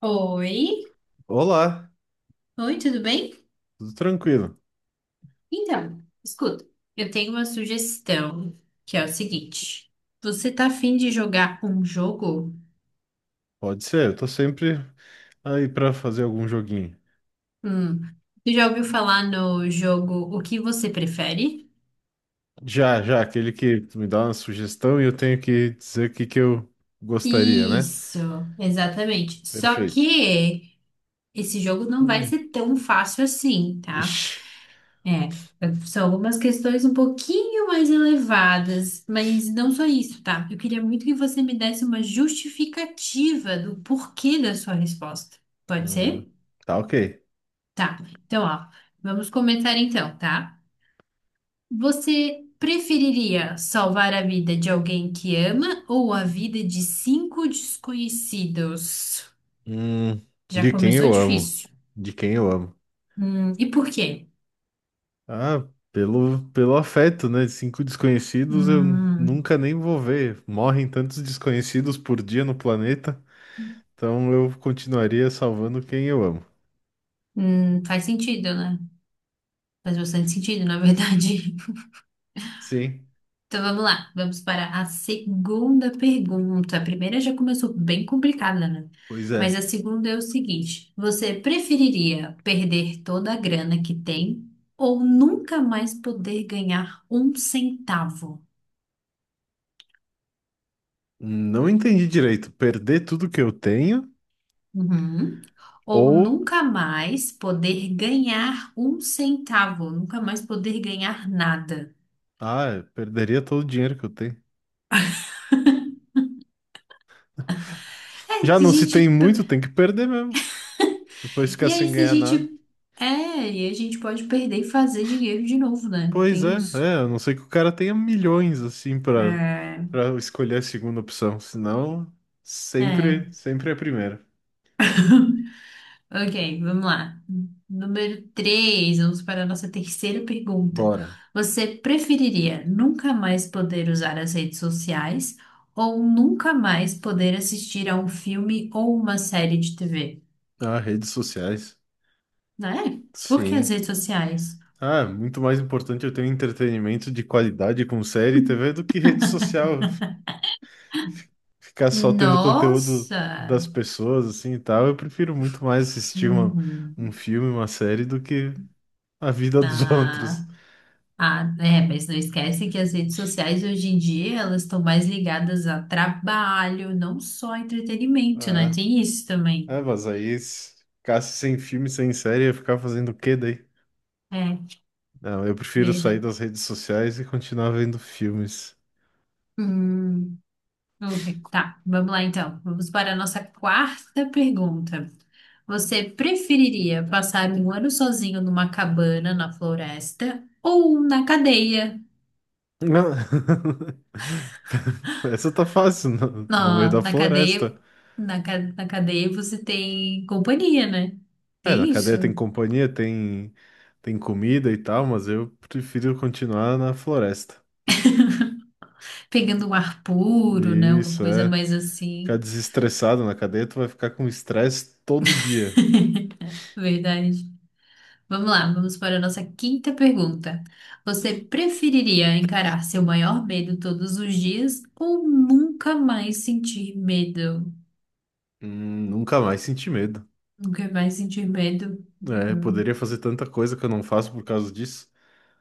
Oi, Olá, oi, tudo bem? tudo tranquilo? Então, escuta, eu tenho uma sugestão, que é o seguinte. Você tá afim de jogar um jogo? Pode ser, eu tô sempre aí pra fazer algum joguinho. Hum, você já ouviu falar no jogo O que você prefere? Já, já, aquele que tu me dá uma sugestão e eu tenho que dizer o que que eu gostaria, né? Isso, exatamente. Só Perfeito. que esse jogo não vai Hum. ser tão fácil assim, tá? Ixi. É, são algumas questões um pouquinho mais elevadas, mas não só isso, tá? Eu queria muito que você me desse uma justificativa do porquê da sua resposta. Pode Hum, ser? Tá ok. Tá. Então, ó, vamos começar então, tá? Você preferiria salvar a vida de alguém que ama ou a vida de cinco desconhecidos? Hum, Já De quem começou eu amo? difícil. De quem eu amo? E por quê? Ah, pelo afeto, né? Cinco desconhecidos eu Hum, nunca nem vou ver. Morrem tantos desconhecidos por dia no planeta, então eu continuaria salvando quem eu amo. Faz sentido, né? Faz bastante sentido, na verdade. Sim. Então vamos lá, vamos para a segunda pergunta. A primeira já começou bem complicada, né? Pois Mas a é, segunda é o seguinte: você preferiria perder toda a grana que tem ou nunca mais poder ganhar um centavo? não entendi direito. Perder tudo que eu tenho Uhum. Ou ou. nunca mais poder ganhar um centavo, nunca mais poder ganhar nada. Ah, eu perderia todo o dinheiro que eu tenho. É, Já se a não se tem gente. muito, tem que perder mesmo. Depois ficar E aí, sem se a ganhar nada. gente. É, e a gente pode perder e fazer dinheiro de novo, né? Pois Tem é, isso. é, a não ser que o cara tenha milhões assim pra, É. para escolher a segunda opção. Senão, É. sempre, sempre é a primeira. Ok, vamos lá. Número 3, vamos para a nossa terceira pergunta. Bora. Você preferiria nunca mais poder usar as redes sociais ou nunca mais poder assistir a um filme ou uma série de TV? Ah, redes sociais. Né? Por que as Sim. redes sociais? Ah, muito mais importante eu ter um entretenimento de qualidade com série e TV do que rede social. Ficar só tendo conteúdo Nossa! das pessoas, assim e tal. Eu prefiro muito mais assistir uma, Uhum. um filme, uma série, do que a vida dos outros. Ah. Ah, é, mas não esquece que as redes sociais hoje em dia elas estão mais ligadas a trabalho, não só a entretenimento, né? É, Tem isso também. é, mas aí se ficasse sem filme, sem série, ia ficar fazendo o quê daí? É, Não, eu prefiro sair verdade. das redes sociais e continuar vendo filmes. Hum, ok, tá. Vamos lá então. Vamos para a nossa quarta pergunta. Você preferiria passar um ano sozinho numa cabana na floresta ou na cadeia? Não. Essa tá fácil, no, no meio Ah, da na cadeia, floresta. na, na cadeia você tem companhia, né? É, na Tem isso? cadeia tem companhia, tem, tem comida e tal, mas eu prefiro continuar na floresta. Pegando um ar puro, né? Uma Isso, coisa é. mais Ficar assim, desestressado na cadeia, tu vai ficar com estresse todo dia. verdade. Vamos lá, vamos para a nossa quinta pergunta. Você preferiria encarar seu maior medo todos os dias ou nunca mais sentir medo? Nunca mais senti medo. Nunca mais sentir medo? É, Uhum. poderia fazer tanta coisa que eu não faço por causa disso,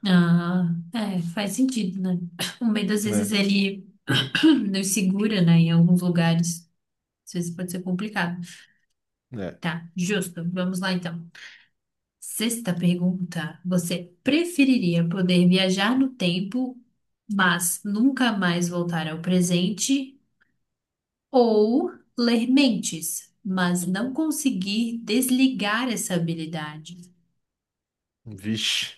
Ah, é, faz sentido, né? O medo às vezes né? ele nos segura, né, em alguns lugares. Às vezes pode ser complicado. É. Tá, justo. Vamos lá então. Sexta pergunta: Você preferiria poder viajar no tempo, mas nunca mais voltar ao presente? Ou ler mentes, mas não conseguir desligar essa habilidade? Vixe.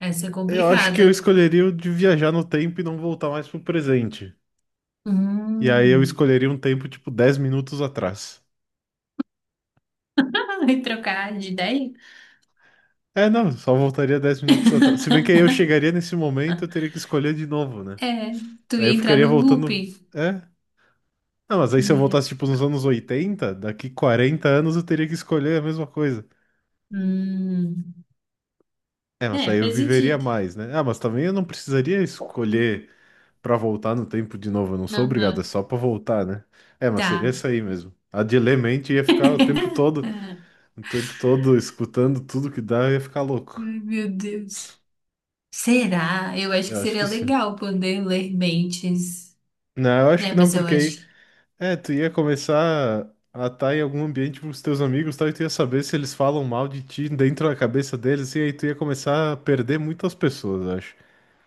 Essa é Eu acho que complicada. eu escolheria o de viajar no tempo e não voltar mais pro presente. E aí eu Hum. escolheria um tempo tipo 10 minutos atrás. Vai trocar de ideia? É, não, só voltaria 10 minutos atrás. Se bem que aí eu chegaria nesse momento, eu teria que escolher de novo, né? É, tu Aí eu ia entrar ficaria no voltando. looping. É, não, mas aí se eu É, voltasse, tipo, nos anos 80, daqui 40 anos eu teria que escolher a mesma coisa. hum. É, mas É, daí eu faz viveria sentido. mais, né? Ah, mas também eu não precisaria escolher pra voltar no tempo de novo, eu não sou obrigado, é Aham. só pra voltar, né? É, mas seria Tá. isso aí mesmo. A de ler mente ia ficar É. Ai, o tempo todo escutando tudo que dá, eu ia ficar louco. meu Deus. Será? Eu acho que Eu acho que seria sim. legal poder ler mentes. Não, eu acho Né? que não, mas eu porque aí acho. que- é, tu ia começar a estar em algum ambiente com os teus amigos, tal, e tu ia saber se eles falam mal de ti dentro da cabeça deles, e aí tu ia começar a perder muitas pessoas, eu acho.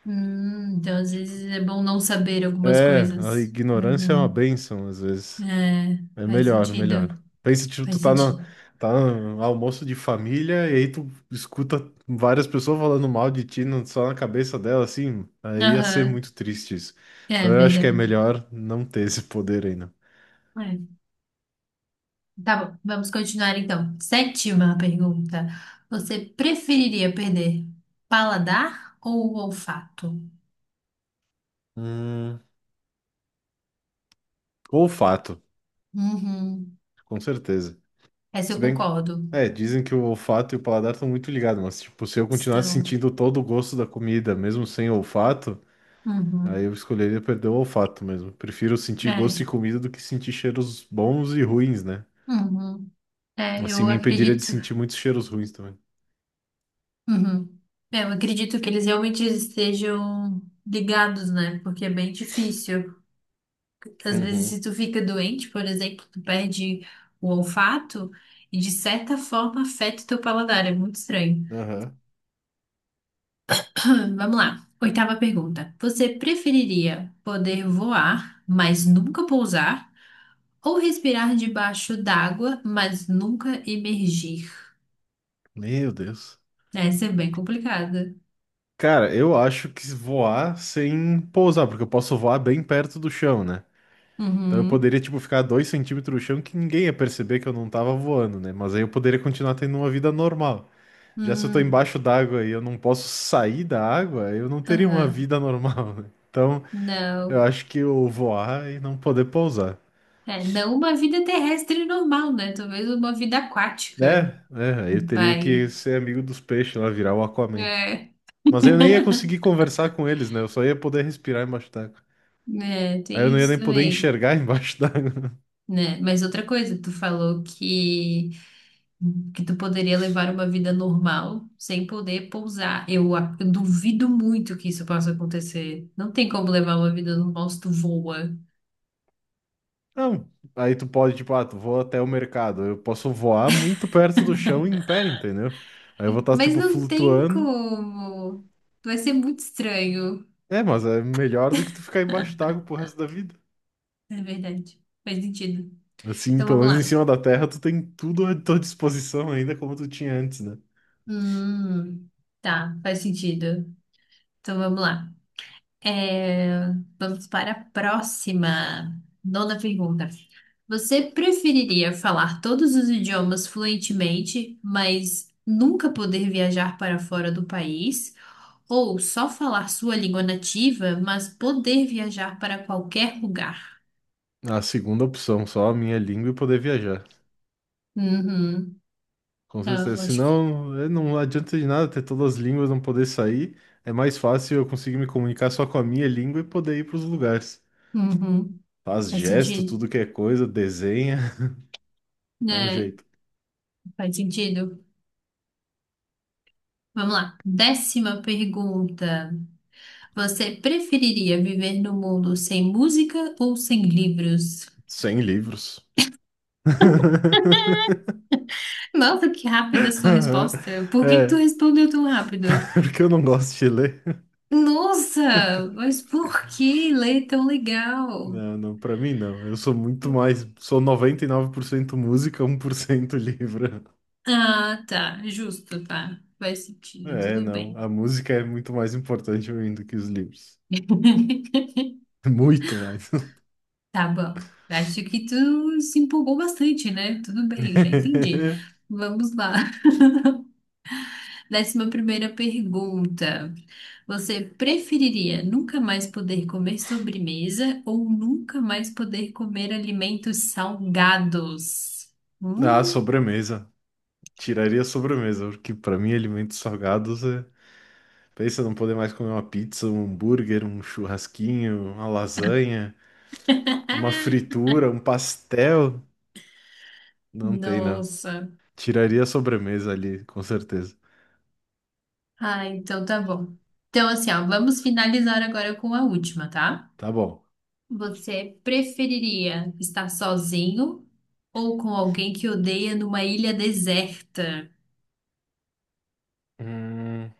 Então, às Tipo, vezes é bom não saber algumas é, a coisas. ignorância é uma Uhum. bênção, às vezes. É, É faz melhor, sentido. melhor. Pensa, tipo, tu Faz tá no, sentido. tá no almoço de família, e aí tu escuta várias pessoas falando mal de ti no- só na cabeça dela, assim, aí ia ser Aham. muito triste isso. É Então eu acho que é verdade. melhor não ter esse poder ainda. É. Tá bom, vamos continuar então. Sétima pergunta. Você preferiria perder paladar ou olfato? Hum, olfato, Uhum. com certeza. Essa Se eu bem que, concordo. é, dizem que o olfato e o paladar estão muito ligados, mas, tipo, se eu continuasse Estão. sentindo todo o gosto da comida, mesmo sem olfato, aí Uhum. eu escolheria perder o olfato mesmo. Prefiro sentir gosto de É. comida do que sentir cheiros bons e ruins, né? Uhum. É, Assim eu me impediria de acredito. sentir muitos cheiros ruins também. Uhum. É, eu acredito que eles realmente estejam ligados, né? Porque é bem difícil. Às vezes, Uhum. se tu fica doente, por exemplo, tu perde o olfato e, de certa forma, afeta o teu paladar. É muito estranho. Aham. Vamos lá. Oitava pergunta. Você preferiria poder voar, mas nunca pousar? Ou respirar debaixo d'água, mas nunca emergir? Meu Deus. Essa é bem complicada. Cara, eu acho que voar sem pousar, porque eu posso voar bem perto do chão, né? Então eu Uhum. poderia, tipo, ficar a 2 centímetros do chão que ninguém ia perceber que eu não tava voando, né? Mas aí eu poderia continuar tendo uma vida normal. Já se eu tô Hum. embaixo d'água e eu não posso sair da água, eu não teria uma Aham. vida normal, né? Então, eu Não. acho que eu voar e não poder pousar. É, não uma vida terrestre normal, né? Talvez uma vida aquática. Né, é, aí eu teria que Vai. ser amigo dos peixes lá, virar o Aquaman. É. Mas aí eu nem ia conseguir conversar com eles, né? Eu só ia poder respirar embaixo d'água. É, Aí eu tem não ia isso nem poder também, enxergar embaixo d'água. né? Mas outra coisa, tu falou que tu poderia levar uma vida normal sem poder pousar. Eu duvido muito que isso possa acontecer. Não tem como levar uma vida normal se tu voa. Não. Aí tu pode, tipo, ah, tu voa até o mercado. Eu posso voar muito perto do chão em pé, entendeu? Aí eu vou estar, Mas tipo, não tem flutuando. como. Vai ser muito estranho, É, mas é melhor do que tu ficar embaixo d'água pro resto da vida. é verdade. Faz sentido. Assim, Então pelo vamos menos em lá. cima da terra, tu tem tudo à tua disposição ainda como tu tinha antes, né? Hum, tá, faz sentido. Então vamos lá. É, vamos para a próxima. Nona pergunta. Você preferiria falar todos os idiomas fluentemente, mas nunca poder viajar para fora do país? Ou só falar sua língua nativa, mas poder viajar para qualquer lugar? A segunda opção, só a minha língua e poder viajar. Uhum. Com Ah, certeza. eu acho que. Senão, é, não adianta de nada ter todas as línguas, não poder sair. É mais fácil eu conseguir me comunicar só com a minha língua e poder ir pros lugares. Uhum. Faz Faz gesto, sentido. tudo que é coisa, desenha, dá um Né? jeito. Faz sentido. Vamos lá. Décima pergunta. Você preferiria viver no mundo sem música ou sem livros? Sem livros. Nossa, que rápida a sua resposta. Por que que tu É, respondeu tão rápido? porque eu não gosto de ler. Nossa, mas por que ler tão legal? Não, não, pra mim não. Eu sou muito mais. Sou 99% música, 1% livro. Ah, tá, justo, tá. Faz sentido, É, tudo não. bem. A música é muito mais importante pra mim do que os livros. Muito mais. Tá bom. Acho que tu se empolgou bastante, né? Tudo bem, já entendi. Vamos lá. Décima primeira pergunta. Você preferiria nunca mais poder comer sobremesa ou nunca mais poder comer alimentos salgados? Ah, Hum? sobremesa. Tiraria a sobremesa, porque pra mim alimentos salgados é. Pensa não poder mais comer uma pizza, um hambúrguer, um churrasquinho, uma lasanha, uma fritura, um pastel. Não tem, não. Nossa. Tiraria a sobremesa ali, com certeza. Ah, então tá bom. Então, assim, ó, vamos finalizar agora com a última, tá? Tá bom. Você preferiria estar sozinho ou com alguém que odeia numa ilha deserta? Hum,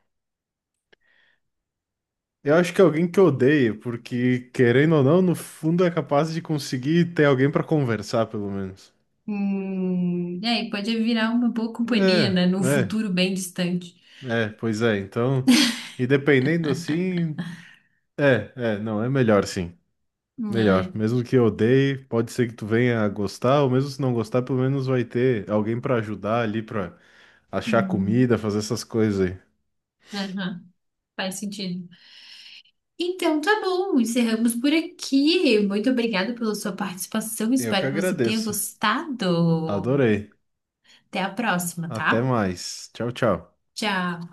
Eu acho que é alguém que odeia, porque querendo ou não, no fundo é capaz de conseguir ter alguém pra conversar, pelo menos. É, e aí, pode virar uma boa companhia, É, né? Num é, futuro bem distante. é, pois é. Então, e dependendo assim, é, é, não, é melhor sim. Melhor. É. Mesmo que eu odeie, pode ser que tu venha a gostar, ou mesmo se não gostar, pelo menos vai ter alguém pra ajudar ali, pra achar Uhum. comida, fazer essas coisas aí. Aham, faz sentido. Então, tá bom, encerramos por aqui. Muito obrigada pela sua participação. Eu que Espero que você tenha agradeço. gostado. Adorei. Até a próxima, Até tá? mais. Tchau, tchau. Tchau.